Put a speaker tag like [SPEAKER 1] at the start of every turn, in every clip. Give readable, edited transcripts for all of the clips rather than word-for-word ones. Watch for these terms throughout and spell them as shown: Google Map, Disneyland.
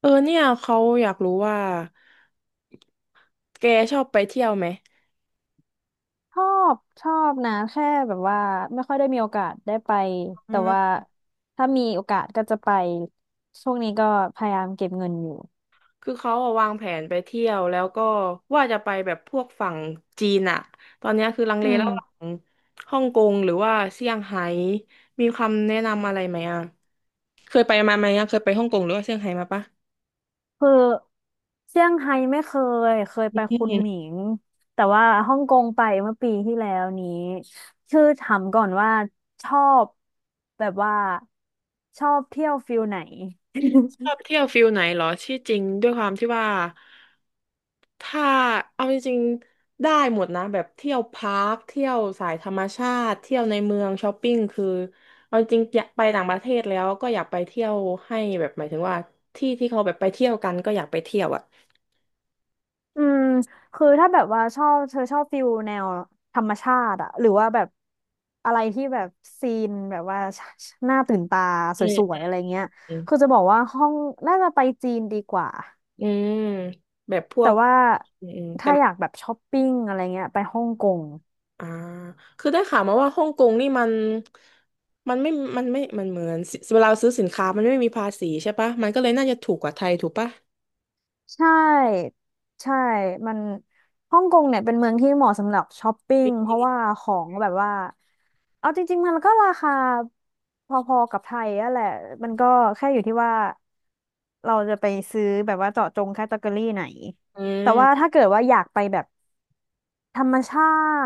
[SPEAKER 1] เออเนี่ยเขาอยากรู้ว่าแกชอบไปเที่ยวไหม
[SPEAKER 2] ชอชอบนะแค่แบบว่าไม่ค่อยได้มีโอกาสได้ไป
[SPEAKER 1] อื
[SPEAKER 2] แต่ว่า
[SPEAKER 1] ม
[SPEAKER 2] ถ้ามีโอกาสก็จะไปช่วงนี้ก็พยายามเก็บเงินอยู่
[SPEAKER 1] คือเขาอะวางแผนไปเที่ยวแล้วก็ว่าจะไปแบบพวกฝั่งจีนอะตอนเนี้ยคือลัง
[SPEAKER 2] อื
[SPEAKER 1] เลระหว่า
[SPEAKER 2] ม
[SPEAKER 1] งฮ่องกงหรือว่าเซี่ยงไฮ้มีคำแนะนำอะไรไหมอะเคยไปมาไหมอะเคยไปฮ่องกงหรือว่าเซี่ยงไฮ้มาปะ
[SPEAKER 2] คือเซี่ยงไฮ้ไม่เคยไปคุนหมิงแต่ว่าฮ่องกงไปเมื่อปีที่แล้วนี้คือถามก่อนว่าชอบแบบว่าชอบเที่ยวฟิลไหน
[SPEAKER 1] ชอบเที่ยวฟิลไหนเหรอที่จริงด้วยความที่ว่าถ้าเอาจริงๆได้หมดนะแบบเที่ยวพาร์คเที่ยวสายธรรมชาติเที่ยวในเมืองช้อปปิ้งคือเอาจริงอยากไปต่างประเทศแล้วก็อยากไปเที่ยวให้แบบหมายถึงว่าที่ที่เขาแบบไปเที่ยวกันก็อยากไปเที่ยวอ่ะ
[SPEAKER 2] อืมคือถ้าแบบว่าชอบเธอชอบฟิลแนวธรรมชาติอะหรือว่าแบบอะไรที่แบบซีนแบบว่าหน้าตื่นตาส
[SPEAKER 1] อื
[SPEAKER 2] วยๆ
[SPEAKER 1] ม
[SPEAKER 2] อะไรเงี้ยคือจะบอกว่าห้องน่าจะไปจีนดีกว่า
[SPEAKER 1] อืมแบบพว
[SPEAKER 2] แต่
[SPEAKER 1] ก
[SPEAKER 2] ว่า
[SPEAKER 1] อืมอืมแต่
[SPEAKER 2] ถ้าอยากแบบช้อปปิ้งอะไรเงี้ยไปฮ่องกง
[SPEAKER 1] อ่าคือได้ข่าวมาว่าฮ่องกงนี่มัน มันไม่มันไม่มันเหมือนสิเวลาซื้อสินค้ามันไม่มีภาษีใช่ปะ มันก็เลยน่าจะถูกกว่าไทยถูกปะ
[SPEAKER 2] ใช่ใช่มันฮ่องกงเนี่ยเป็นเมืองที่เหมาะสำหรับช้อปปิ้งเพราะว่าของแบบว่าเอาจริงๆมันก็ราคาพอๆกับไทยอะแหละมันก็แค่อยู่ที่ว่าเราจะไปซื้อแบบว่าเจาะจงแคตตาล็อกไหน
[SPEAKER 1] อื
[SPEAKER 2] แต่ว่า
[SPEAKER 1] ม
[SPEAKER 2] ถ้าเกิดว่าอยากไปแบบธรรมชา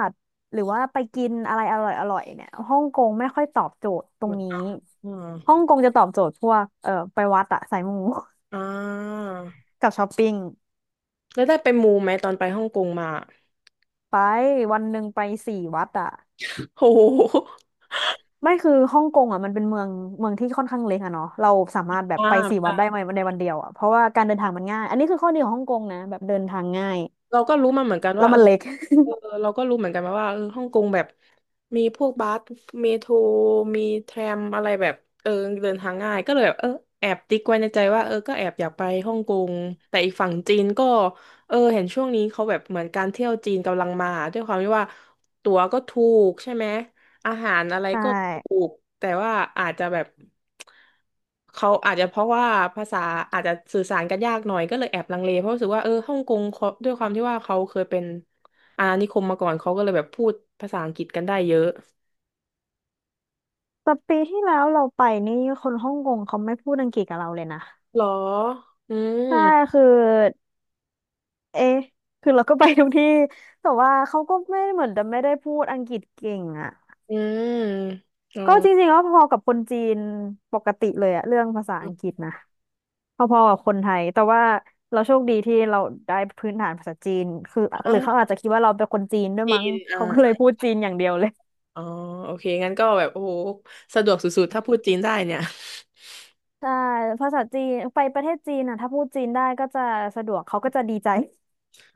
[SPEAKER 2] ติหรือว่าไปกินอะไรอร่อยๆเนี่ยฮ่องกงไม่ค่อยตอบโจทย์ตร
[SPEAKER 1] เห
[SPEAKER 2] ง
[SPEAKER 1] มือน
[SPEAKER 2] นี้
[SPEAKER 1] อ่า
[SPEAKER 2] ฮ่องกงจะตอบโจทย์พวกไปวัดอะสายมู
[SPEAKER 1] อ่า
[SPEAKER 2] กับช้อปปิ้ง
[SPEAKER 1] แล้วได้ไปมูไหมตอนไปฮ่องกงมา
[SPEAKER 2] ไปวันหนึ่งไปสี่วัดอะ
[SPEAKER 1] โห
[SPEAKER 2] ไม่คือฮ่องกงอะมันเป็นเมืองที่ค่อนข้างเล็กอะเนาะเราสามารถแบบ
[SPEAKER 1] อ่า
[SPEAKER 2] ไปสี่วัดได้ ในวันเดียวอะเพราะว่าการเดินทางมันง่ายอันนี้คือข้อดีของฮ่องกงนะแบบเดินทางง่าย
[SPEAKER 1] เราก็รู้มาเหมือนกัน
[SPEAKER 2] แล้
[SPEAKER 1] ว่า
[SPEAKER 2] ว
[SPEAKER 1] เอ
[SPEAKER 2] มั
[SPEAKER 1] อ
[SPEAKER 2] นเล็ก
[SPEAKER 1] เออเราก็รู้เหมือนกันมาว่าเออฮ่องกงแบบมีพวกบัสเมโทรมีแทรมอะไรแบบเออเดินทางง่ายก็เลยแบบเออแอบติ๊กไว้ในใจว่าเออก็แอบอยากไปฮ่องกงแต่อีกฝั่งจีนก็เออเห็นช่วงนี้เขาแบบเหมือนการเที่ยวจีนกำลังมาด้วยความที่ว่าตั๋วก็ถูกใช่ไหม อาหารอะไร
[SPEAKER 2] ใช่
[SPEAKER 1] ก็ถูกแต่ว่าอาจจะแบบเขาอาจจะเพราะว่าภาษาอาจจะสื่อสารกันยากหน่อยก็เลยแอบลังเลเพราะรู้สึกว่าเออฮ่องกงเขาด้วยความที่ว่าเขาเคยเป็นอาณานิคมมาก่อนเขาก็เลยแบบพูดภาษาอังกฤษกันได้เยอะ
[SPEAKER 2] แต่ปีที่แล้วเราไปนี่คนฮ่องกงเขาไม่พูดอังกฤษกับเราเลยนะ
[SPEAKER 1] หรออื
[SPEAKER 2] ใช่
[SPEAKER 1] ม
[SPEAKER 2] คือเอ๊ะคือเราก็ไปทุกที่แต่ว่าเขาก็ไม่เหมือนจะไม่ได้พูดอังกฤษเก่งอะ
[SPEAKER 1] อืมอ๋อ
[SPEAKER 2] ก็จริงๆก็พอกับคนจีนปกติเลยอะเรื่องภาษาอังกฤษนะ พอๆกับคนไทยแต่ว่าเราโชคดีที่เราได้พื้นฐานภาษาจีนคือห
[SPEAKER 1] อ้า
[SPEAKER 2] รือเขาอา
[SPEAKER 1] ว
[SPEAKER 2] จจะคิดว่าเราเป็นคนจีนด้วย
[SPEAKER 1] จี
[SPEAKER 2] มั้ง
[SPEAKER 1] นอ่า
[SPEAKER 2] เขาก็เลยพูดจีนอย่างเดียวเลย
[SPEAKER 1] อ๋อโอเคงั้นก็แบบโอ้โหสะดวกสุดๆถ้าพูดจีนได้เนี่ย
[SPEAKER 2] ใช่ภาษาจีนไปประเทศจีนอ่ะถ้าพูดจีนได้ก็จะสะดวกเขาก็จะดีใจ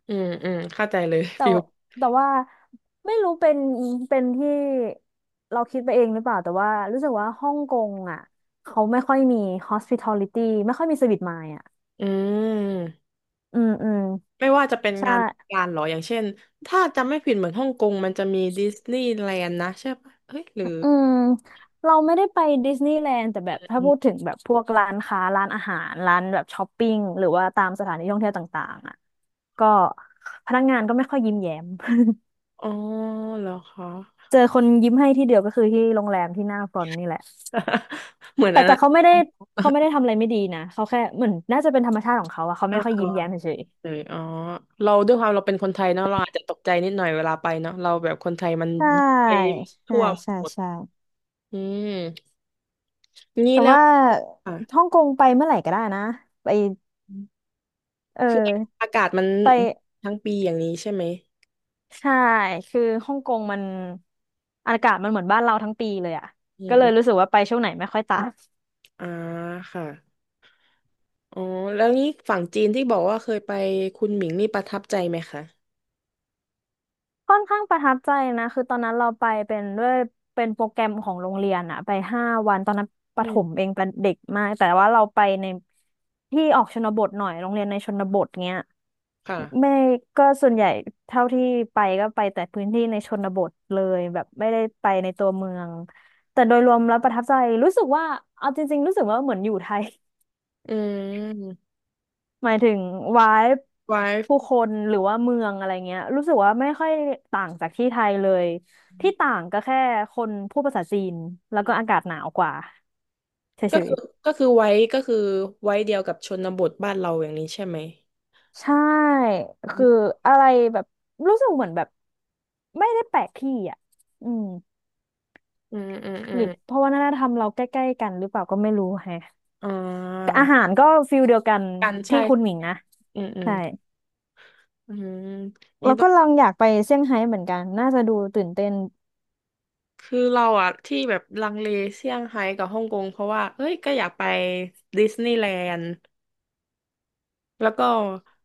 [SPEAKER 1] อืมอืมเข้าใจเลย
[SPEAKER 2] แต่
[SPEAKER 1] ฟิล
[SPEAKER 2] แต่ว่าไม่รู้เป็นที่เราคิดไปเองหรือเปล่าแต่ว่ารู้สึกว่าฮ่องกงอ่ะเขาไม่ค่อยมี hospitality ไม่ค่อยมี service mind อ่ะ
[SPEAKER 1] อืม
[SPEAKER 2] อืมอืม
[SPEAKER 1] ไม่ว่าจะเป็น
[SPEAKER 2] ใ
[SPEAKER 1] งาน
[SPEAKER 2] ช่
[SPEAKER 1] การหรออย่างเช่นถ้าจำไม่ผิดเหมือนฮ่องกงมันจะมีดิสนีย์แลนด์นะใช่ปะเฮ้ยหรือ
[SPEAKER 2] อืมเราไม่ได้ไปดิสนีย์แลนด์แต่แบบถ้าพูดถึงแบบพวกร้านค้าร้านอาหารร้านแบบช้อปปิ้งหรือว่าตามสถานที่ท่องเที่ยวต่างๆอ่ะก็พนักงานก็ไม่ค่อยยิ้มแย้ม
[SPEAKER 1] อ๋อเหรอคะ
[SPEAKER 2] เจอคนยิ้มให้ที่เดียวก็คือที่โรงแรมที่หน้าฟรอนต์นี่แหละ
[SPEAKER 1] เหมือน
[SPEAKER 2] แต่
[SPEAKER 1] อัน
[SPEAKER 2] แต่
[SPEAKER 1] นั้น
[SPEAKER 2] เขาไม่ได้เขาไม่ ได้ทำอะไรไม่ดีนะเขาแค่เหมือนน่าจะเป็นธรรมชาติของเขาอะเขา
[SPEAKER 1] เอ
[SPEAKER 2] ไม่ค่อยยิ้มแย้ม
[SPEAKER 1] อ
[SPEAKER 2] เฉย
[SPEAKER 1] เลยอ๋อเราด้วยความเราเป็นคนไทยเนาะเราอาจจะตกใจนิดหน่อยเวลาไปเนาะเราแบบคนไทยมัน
[SPEAKER 2] ๆใช่
[SPEAKER 1] ไป
[SPEAKER 2] ใช่
[SPEAKER 1] ทั่ว
[SPEAKER 2] ใช่
[SPEAKER 1] หมด
[SPEAKER 2] ใช่
[SPEAKER 1] อืมงี้
[SPEAKER 2] แต่
[SPEAKER 1] แล้ว
[SPEAKER 2] ว่า
[SPEAKER 1] อ่ะ
[SPEAKER 2] ฮ่องกงไปเมื่อไหร่ก็ได้นะไปเอ
[SPEAKER 1] คือ
[SPEAKER 2] อ
[SPEAKER 1] อากาศมัน
[SPEAKER 2] ไป
[SPEAKER 1] ทั้งปีอย่างนี้ใช่ไหม
[SPEAKER 2] ใช่ คือฮ่องกงมันอากาศมันเหมือนบ้านเราทั้งปีเลยอ่ะ
[SPEAKER 1] อื
[SPEAKER 2] ก็เลย
[SPEAKER 1] ม
[SPEAKER 2] รู้สึกว่าไปช่วงไหนไม่ค่อยต่าง
[SPEAKER 1] อ่าค่ะ อ๋อแล้วนี่ฝั่งจีนที่บอกว่าเคยไปคุณหมิงนี่ประทับใจไหมคะ
[SPEAKER 2] ค่อนข้างประทับใจนะคือตอนนั้นเราไปเป็นด้วยเป็นโปรแกรมของโรงเรียนอ่ะไป5 วันตอนนั้นป
[SPEAKER 1] อื
[SPEAKER 2] ระถม
[SPEAKER 1] ม
[SPEAKER 2] เองเป็นเด็กมากแต่ว่าเราไปในที่ออกชนบทหน่อยโรงเรียนในชนบทเงี้ย
[SPEAKER 1] ค่ะ
[SPEAKER 2] ไม่ก็ส่วนใหญ่เท่าที่ไปก็ไปแต่พื้นที่ในชนบทเลยแบบไม่ได้ไปในตัวเมืองแต่โดยรวมแล้วประทับใจรู้สึกว่าเอาจริงๆรู้สึกว่าเหมือนอยู่ไทย
[SPEAKER 1] อืม
[SPEAKER 2] หมายถึงวาย
[SPEAKER 1] ไว้
[SPEAKER 2] ผู้คนหรือว่าเมืองอะไรเงี้ยรู้สึกว่าไม่ค่อยต่างจากที่ไทยเลยที่ต่างก็แค่คนพูดภาษาจีนแล้วก็อากาศหนาวกว่า
[SPEAKER 1] ก็
[SPEAKER 2] เฉ
[SPEAKER 1] คือ
[SPEAKER 2] ย
[SPEAKER 1] ก็คือไว้ก็คือไว้เดียวกับชนบทบ้านเราอย่างนี้ใช่ไหม
[SPEAKER 2] ๆใช่
[SPEAKER 1] อื
[SPEAKER 2] คือ
[SPEAKER 1] ม
[SPEAKER 2] อะไรแบบรู้สึกเหมือนแบบไม่ได้แปลกที่อ่ะอืม
[SPEAKER 1] อืมอืมอ
[SPEAKER 2] หรือเพ
[SPEAKER 1] ม
[SPEAKER 2] ราะวัฒนธรรมเราใกล้ๆกันหรือเปล่าก็ไม่รู้แฮะ
[SPEAKER 1] อ่า
[SPEAKER 2] อาหารก็ฟิลเดียวกัน
[SPEAKER 1] กันใช่
[SPEAKER 2] ที่คุณหมิงนะ
[SPEAKER 1] อืมอืม
[SPEAKER 2] ใช่
[SPEAKER 1] อืมนี่
[SPEAKER 2] แล้ว
[SPEAKER 1] ต้อ
[SPEAKER 2] ก็
[SPEAKER 1] ง
[SPEAKER 2] ลองอยากไปเซี่ยงไฮ้เหมือนกันน่าจะดูตื่นเต้น
[SPEAKER 1] คือเราอะที่แบบลังเลเซี่ยงไฮ้กับฮ่องกงเพราะว่าเอ้ยก็อยากไปดิสนีย์แลนด์ แล้วก็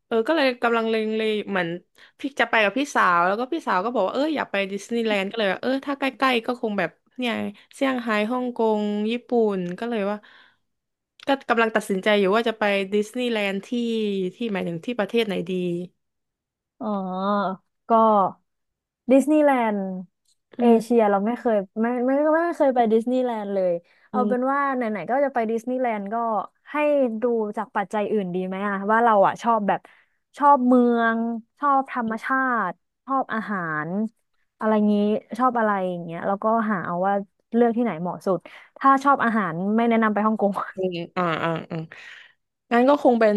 [SPEAKER 1] เออก็เลยกำลังเลงเลเหมือนพี่จะไปกับพี่สาวแล้วก็พี่สาวก็บอกว่าเอออยากไปดิสนีย์แลนด์ก็เลยว่าเออถ้าใกล้ๆก็คงแบบเนี่ยเซี่ยงไฮ้ฮ่องกงญี่ปุ่นก็เลยว่าก็กำลังตัดสินใจอยู่ว่าจะไปดิสนีย์แลนด์ที่หมายถึงที่ประเทศไหนดี
[SPEAKER 2] อ๋อ ก็ดิสนีย์แลนด์
[SPEAKER 1] อื
[SPEAKER 2] เอเชีย
[SPEAKER 1] ม
[SPEAKER 2] เราไม่เคยไม่เคยไปดิสนีย์แลนด์เลย
[SPEAKER 1] อื
[SPEAKER 2] เอาเป็น
[SPEAKER 1] ม
[SPEAKER 2] ว่าไหนๆก็จะไปดิสนีย์แลนด์ก็ให้ดูจากปัจจัยอื่นดีไหมอะว่าเราอะชอบแบบชอบเมืองชอบธรรมชาติชอบอาหารอะไรงี้ชอบอะไรอย่างเงี้ยแล้วก็หาเอาว่าเลือกที่ไหนเหมาะสุดถ้าชอบอาหารไม่แนะนำไปฮ่องกง
[SPEAKER 1] อืมอ่าอ่าอ่างั้นก็คงเป็น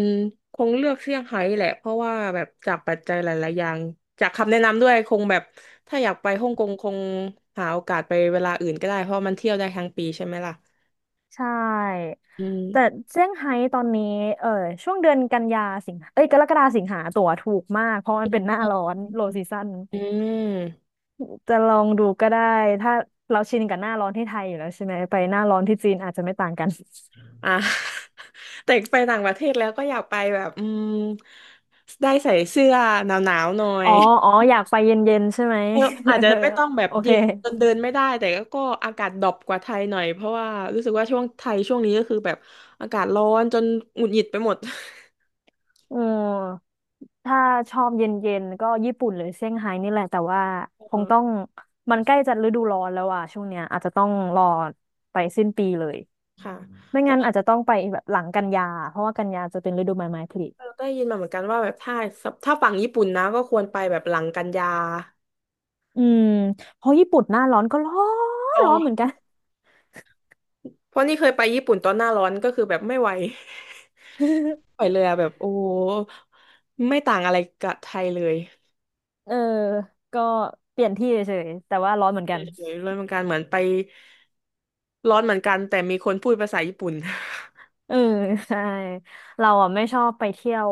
[SPEAKER 1] คงเลือกเซี่ยงไฮ้แหละ เพราะว่าแบบจากปัจจัยหลายๆอย่างจากคำแนะนำด้วยคงแบบถ้าอยากไปฮ่องกงคงหาโอกาสไปเวลาอื่นก็ได้เพราะมันเที่ยวได้ทั้งปีใช่ไหมล่ะ
[SPEAKER 2] ใช่
[SPEAKER 1] อื
[SPEAKER 2] แต่
[SPEAKER 1] ม
[SPEAKER 2] เซี่ยงไฮ้ตอนนี้เออช่วงเดือนกันยาสิงหาเอ้ยกรกฎาสิงหาตั๋วถูกมากเพราะมันเป็นหน้าร้อนโลซีซั่น
[SPEAKER 1] อืม
[SPEAKER 2] จะลองดูก็ได้ถ้าเราชินกับหน้าร้อนที่ไทยอยู่แล้วใช่ไหมไปหน้าร้อนที่จีนอาจจะไม่ต่างกัน
[SPEAKER 1] อ่ะ แต่ไปต่างประเทศแล้วก็อยากไปแบบอืมได้ใส่เสื้อหนาวๆหน่อ
[SPEAKER 2] อ๋
[SPEAKER 1] ย
[SPEAKER 2] ออ๋ออยากไปเย็นๆใช่ไหม
[SPEAKER 1] เออ อาจ
[SPEAKER 2] เอ
[SPEAKER 1] จะ
[SPEAKER 2] อ
[SPEAKER 1] ไม่ต้องแบ บ
[SPEAKER 2] โอเค
[SPEAKER 1] เย็นจนเดินไม่ได้แต่ก็อากาศดรอปกว่าไทยหน่อยเพราะว่ารู้สึกว่าช่วงไทยช่วงนี้ก็คือแบบอากาศร้อนจนหงุดหงิดไปหมด
[SPEAKER 2] อืมถ้าชอบเย็นๆก็ญี่ปุ่นหรือเซี่ยงไฮ้นี่แหละแต่ว่าคง
[SPEAKER 1] เออ
[SPEAKER 2] ต้องมันใกล้จะฤดูร้อนแล้วอ่ะช่วงเนี้ยอาจจะต้องรอไปสิ้นปีเลย
[SPEAKER 1] ค่ะ
[SPEAKER 2] ไม่
[SPEAKER 1] แต่
[SPEAKER 2] งั้น
[SPEAKER 1] เรา
[SPEAKER 2] อาจจะต้องไปแบบหลังกันยาเพราะว่ากันยาจะเป็นฤดูใบไม้ผลิ
[SPEAKER 1] ได้ยินมาเหมือนกันว่าแบบถ้าฝั่งญี่ปุ่นนะก็ควรไปแบบหลังกันยา
[SPEAKER 2] อืมเพราะญี่ปุ่นหน้าร้อนก็ร้อ
[SPEAKER 1] เอ
[SPEAKER 2] นร้อนเหมือน
[SPEAKER 1] อ
[SPEAKER 2] กัน
[SPEAKER 1] เพราะนี่เคยไปญี่ปุ่นตอนหน้าร้อนก็คือแบบไม่ไหว ไม่ ไหวเลยอะแบบโอ้โหไม่ต่างอะไรกับไทยเลย
[SPEAKER 2] เออก็เปลี่ยนที่เฉยๆแต่ว่าร้อนเหมือนกัน
[SPEAKER 1] เฉยๆเลยเหมือนกันเหมือนไปร้อนเหมือนกันแต่มีคนพูดภาษาญี่ปุ่น
[SPEAKER 2] เออ ใช่เราอ่ะไม่ชอบไปเที่ยว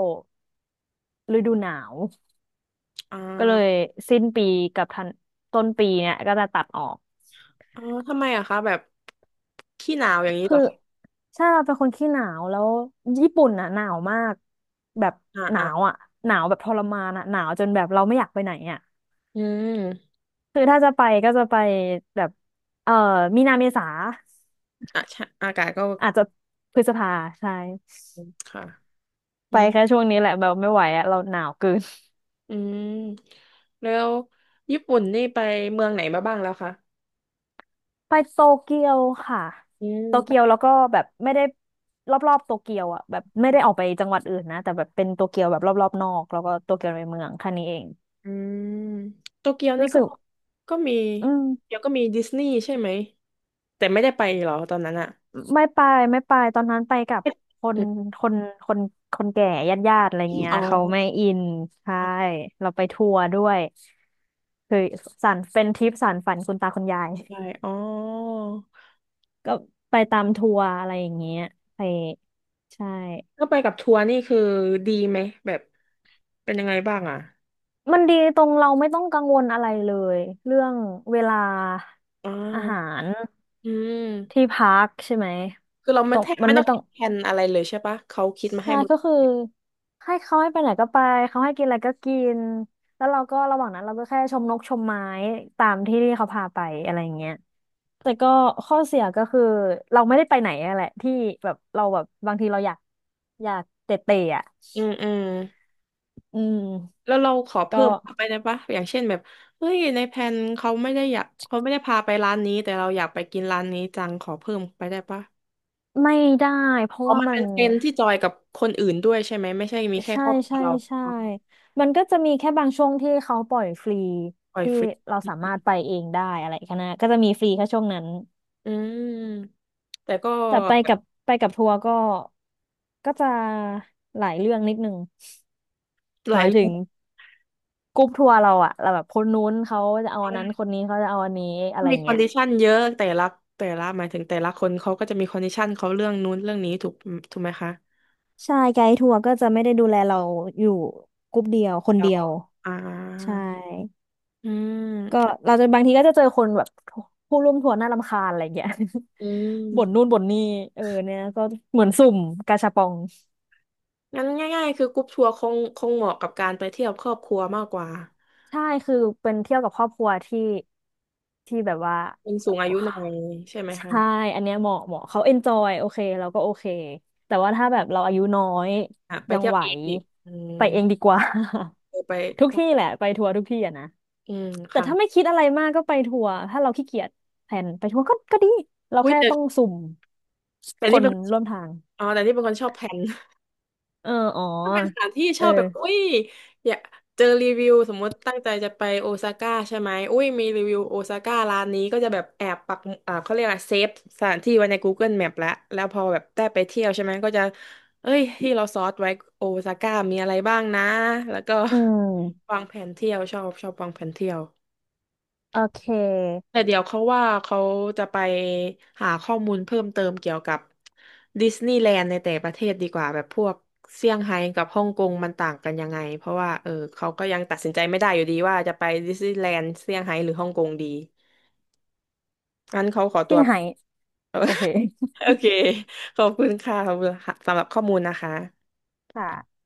[SPEAKER 2] ฤดูหนาว
[SPEAKER 1] อ่
[SPEAKER 2] ก็เลย
[SPEAKER 1] า
[SPEAKER 2] สิ้นปีกับทันต้นปีเนี่ยก็จะตัดออก
[SPEAKER 1] อ๋อทำไมอะคะแบบขี้หนาวอย่างนี้เห
[SPEAKER 2] คื
[SPEAKER 1] ร
[SPEAKER 2] อ
[SPEAKER 1] อคะ
[SPEAKER 2] ใช่เราเป็นคนขี้หนาวแล้วญี่ปุ่นอ่ะหนาวมากแบบ
[SPEAKER 1] อ่า
[SPEAKER 2] หนา
[SPEAKER 1] อ่า
[SPEAKER 2] วอ่ะหนาวแบบทรมานอ่ะหนาวจนแบบเราไม่อยากไปไหนอ่ะ
[SPEAKER 1] อืม
[SPEAKER 2] คือถ้าจะไปก็จะไปแบบเอ่อมีนาเมษา
[SPEAKER 1] อ่ะใช่อากาศก็
[SPEAKER 2] อาจจะพฤษภาใช่
[SPEAKER 1] ค่ะ อื
[SPEAKER 2] ไป
[SPEAKER 1] ม
[SPEAKER 2] แค่ช่วงนี้แหละแบบไม่ไหวอะเราหนาวเกิน
[SPEAKER 1] อืมแล้วญี่ปุ่นนี่ไปเมืองไหนมาบ้างแล้วคะ
[SPEAKER 2] ไปโตเกียวค่ะ
[SPEAKER 1] อืม
[SPEAKER 2] โตเกียวแล้
[SPEAKER 1] ไป
[SPEAKER 2] วก็แบบไม่ได้รอบๆโตเกียวอ่ะแบบไม่ได้ออกไปจังหวัดอื่นนะแต่แบบเป็นโตเกียวแบบรอบๆนอกแล้วก็โตเกียวในเมืองแค่นี้เอง
[SPEAKER 1] อืมโตเกียวนี่
[SPEAKER 2] รู้
[SPEAKER 1] ก็
[SPEAKER 2] สึก
[SPEAKER 1] ก็มี
[SPEAKER 2] อืม
[SPEAKER 1] เดี๋ยวก็มีดิสนีย์ใช่ไหมแต่ไม่ได้ไปเหรอตอนนั้นอะ
[SPEAKER 2] ไม่ไปตอนนั้นไปกับคน
[SPEAKER 1] อื
[SPEAKER 2] คนคนคนแก่ญาติอะไร
[SPEAKER 1] ม
[SPEAKER 2] เงี้ย
[SPEAKER 1] อ๋อ
[SPEAKER 2] เขาไม่อินใช่
[SPEAKER 1] ครับ
[SPEAKER 2] เราไปทัวร์ด้วยคือสานเป็นทริปสานฝันคุณตาคุณยาย
[SPEAKER 1] ใช่อ๋อ
[SPEAKER 2] ก็ไปตามทัวร์อะไรอย่างเงี้ยไปใช่
[SPEAKER 1] ถ้าไปกับทัวร์นี่คือดีไหมแบบเป็นยังไงบ้างอะ
[SPEAKER 2] มันดีตรงเราไม่ต้องกังวลอะไรเลยเรื่องเวลา
[SPEAKER 1] อ่
[SPEAKER 2] อาหา
[SPEAKER 1] า
[SPEAKER 2] ร
[SPEAKER 1] อื
[SPEAKER 2] ที่
[SPEAKER 1] ม
[SPEAKER 2] พักใช่ไหม
[SPEAKER 1] คือเรา
[SPEAKER 2] ต
[SPEAKER 1] ไม่
[SPEAKER 2] รง
[SPEAKER 1] แทบ
[SPEAKER 2] มั
[SPEAKER 1] ไม่
[SPEAKER 2] น
[SPEAKER 1] ต้
[SPEAKER 2] ไม่
[SPEAKER 1] อง
[SPEAKER 2] ต้อ
[SPEAKER 1] คิ
[SPEAKER 2] ง
[SPEAKER 1] ดแทนอะไรเลยใช่ปะเขาคิดมา
[SPEAKER 2] ใช่
[SPEAKER 1] ให้หมด
[SPEAKER 2] ก็คือให้เขาให้ไปไหนก็ไปเขาให้กินอะไรก็กินแล้วเราก็ระหว่างนั้นเราก็แค่ชมนกชมไม้ตามที่ที่เขาพาไปอะไรอย่างเงี้ยแต่ก็ข้อเสียก็คือเราไม่ได้ไปไหนอะแหละที่แบบเราแบบบางทีเราอยากเตะเตะอ่ะ
[SPEAKER 1] อืมอืม
[SPEAKER 2] อืม
[SPEAKER 1] แล้วเราขอเพิ่
[SPEAKER 2] ก็
[SPEAKER 1] มเข้าไปได้ปะอย่างเช่นแบบเฮ้ยในแผนเขาไม่ได้อยากเขาไม่ได้พาไปร้านนี้แต่เราอยากไปกินร้านนี้จังขอเพิ่มไปได้ปะ
[SPEAKER 2] ไม่ได้เพราะ
[SPEAKER 1] อ๋อ
[SPEAKER 2] ว่า
[SPEAKER 1] มัน
[SPEAKER 2] มั
[SPEAKER 1] เป็
[SPEAKER 2] น
[SPEAKER 1] นเพนที่จอยกับคนอื่นด้วยใช่ไหมไม่ใช่มีแค่
[SPEAKER 2] ใช่
[SPEAKER 1] ครอบครัว
[SPEAKER 2] ใช่
[SPEAKER 1] เรา
[SPEAKER 2] ใช่
[SPEAKER 1] อ๋อ
[SPEAKER 2] มันก็จะมีแค่บางช่วงที่เขาปล่อยฟรี
[SPEAKER 1] ปล่อย
[SPEAKER 2] ที่
[SPEAKER 1] ฟรี
[SPEAKER 2] เราสามารถไปเองได้อะไรแค่นั้นก็จะมีฟรีแค่ช่วงนั้น
[SPEAKER 1] อืมแต่ก็
[SPEAKER 2] แต่ไปกับทัวร์ก็จะหลายเรื่องนิดนึง
[SPEAKER 1] ห
[SPEAKER 2] ห
[SPEAKER 1] ลาย
[SPEAKER 2] มาย
[SPEAKER 1] เรื่
[SPEAKER 2] ถึ
[SPEAKER 1] อ
[SPEAKER 2] ง
[SPEAKER 1] ง
[SPEAKER 2] กรุ๊ปทัวร์เราอะเราแบบคนนู้นเขาจะเอาอันนั้นคนนี้เขาจะเอาอันนี้อะไร
[SPEAKER 1] มีคอ
[SPEAKER 2] เงี้
[SPEAKER 1] น
[SPEAKER 2] ย
[SPEAKER 1] ดิชันเยอะแต่ละหมายถึงแต่ละคนเขาก็จะมีคอนดิชันเขาเรื่องนู้นเรื่องนี้ถูกไหมคะ
[SPEAKER 2] ใช่ไกด์ทัวร์ก็จะไม่ได้ดูแลเราอยู่กรุ๊ปเดียวคน
[SPEAKER 1] เดี๋ย
[SPEAKER 2] เดี
[SPEAKER 1] ว
[SPEAKER 2] ยว
[SPEAKER 1] อ่า
[SPEAKER 2] ใช่
[SPEAKER 1] อื
[SPEAKER 2] ก็
[SPEAKER 1] ม
[SPEAKER 2] เราจะบางทีก็จะเจอคนแบบผู้ร่วมทัวร์น่ารำคาญอะไรเงี้ย
[SPEAKER 1] อื
[SPEAKER 2] บ่นนู่น
[SPEAKER 1] ม
[SPEAKER 2] บ่นนี่เออเนี่ยก็เหมือนสุ่มกาชาปอง
[SPEAKER 1] งั้นง่ายๆคือกรุ๊ปทัวร์คงเหมาะกับการไปเที่ยวครอบครัวมากกว่า
[SPEAKER 2] ใช่คือเป็นเที่ยวกับครอบครัวที่แบบว่า
[SPEAKER 1] เป็นสูงอายุหน่อยใช่ไหมคะ
[SPEAKER 2] ใช่ อันเนี้ยเหมาะเหมาะเขาเอนจอยโอเคเราก็โอเค แต่ว่าถ้าแบบเราอายุน้อย
[SPEAKER 1] อ่ะไป
[SPEAKER 2] ยัง
[SPEAKER 1] เที่ยว
[SPEAKER 2] ไหว
[SPEAKER 1] เองอีกอืม
[SPEAKER 2] ไปเองดีกว่า
[SPEAKER 1] เออไป
[SPEAKER 2] ทุกที่แหละไปทัวร์ทุกที่อะนะ
[SPEAKER 1] อืม
[SPEAKER 2] แต่
[SPEAKER 1] ค่ะ
[SPEAKER 2] ถ้าไม่คิดอะไรมากก็ไปทัวร์ถ้าเราขี้เกียจแพนไปทัวร์ก็ดีเรา
[SPEAKER 1] อุ้ย
[SPEAKER 2] แค่
[SPEAKER 1] แต่
[SPEAKER 2] ต้องสุ่ม
[SPEAKER 1] แต่
[SPEAKER 2] ค
[SPEAKER 1] นี่
[SPEAKER 2] น
[SPEAKER 1] เป็น
[SPEAKER 2] ร่วมทาง
[SPEAKER 1] อ๋อแต่นี่เป็นคนชอบแพน
[SPEAKER 2] เออ
[SPEAKER 1] ถ้าเป็นสถานที่ช
[SPEAKER 2] เอ
[SPEAKER 1] อ
[SPEAKER 2] อ
[SPEAKER 1] บแบบอุ้ยอยากเจอรีวิวสมมติตั้งใจจะไปโอซาก้าใช่ไหมอุ้ยมีรีวิวโอซาก้าร้านนี้ก็จะแบบแอบปักเขาเรียกอะไรเซฟสถานที่ไว้ใน Google Map แล้วพอแบบได้ไปเที่ยวใช่ไหมก็จะเอ้ยที่เราซอร์สไว้โอซาก้ามีอะไรบ้างนะแล้วก็
[SPEAKER 2] อืม
[SPEAKER 1] วางแผนเที่ยวชอบวางแผนเที่ยว
[SPEAKER 2] โอเค
[SPEAKER 1] แต่เดี๋ยวเขาว่าเขาจะไปหาข้อมูลเพิ่มเติมเกี่ยวกับดิสนีย์แลนด์ในแต่ประเทศดีกว่าแบบพวกเซี่ยงไฮ้กับฮ่องกงมันต่างกันยังไงเพราะว่าเออเขาก็ยังตัดสินใจไม่ได้อยู่ดีว่าจะไปดิสนีย์แลนด์เซี่ยงไฮ้หรือฮ่องกงดีงั้นเขาขอตั
[SPEAKER 2] เซี่
[SPEAKER 1] ว
[SPEAKER 2] ยงไฮ้โอเค
[SPEAKER 1] โอเคขอบคุณค่ะขอบคุณค่ะสำหรับข้อมูลนะคะ
[SPEAKER 2] ค่ะ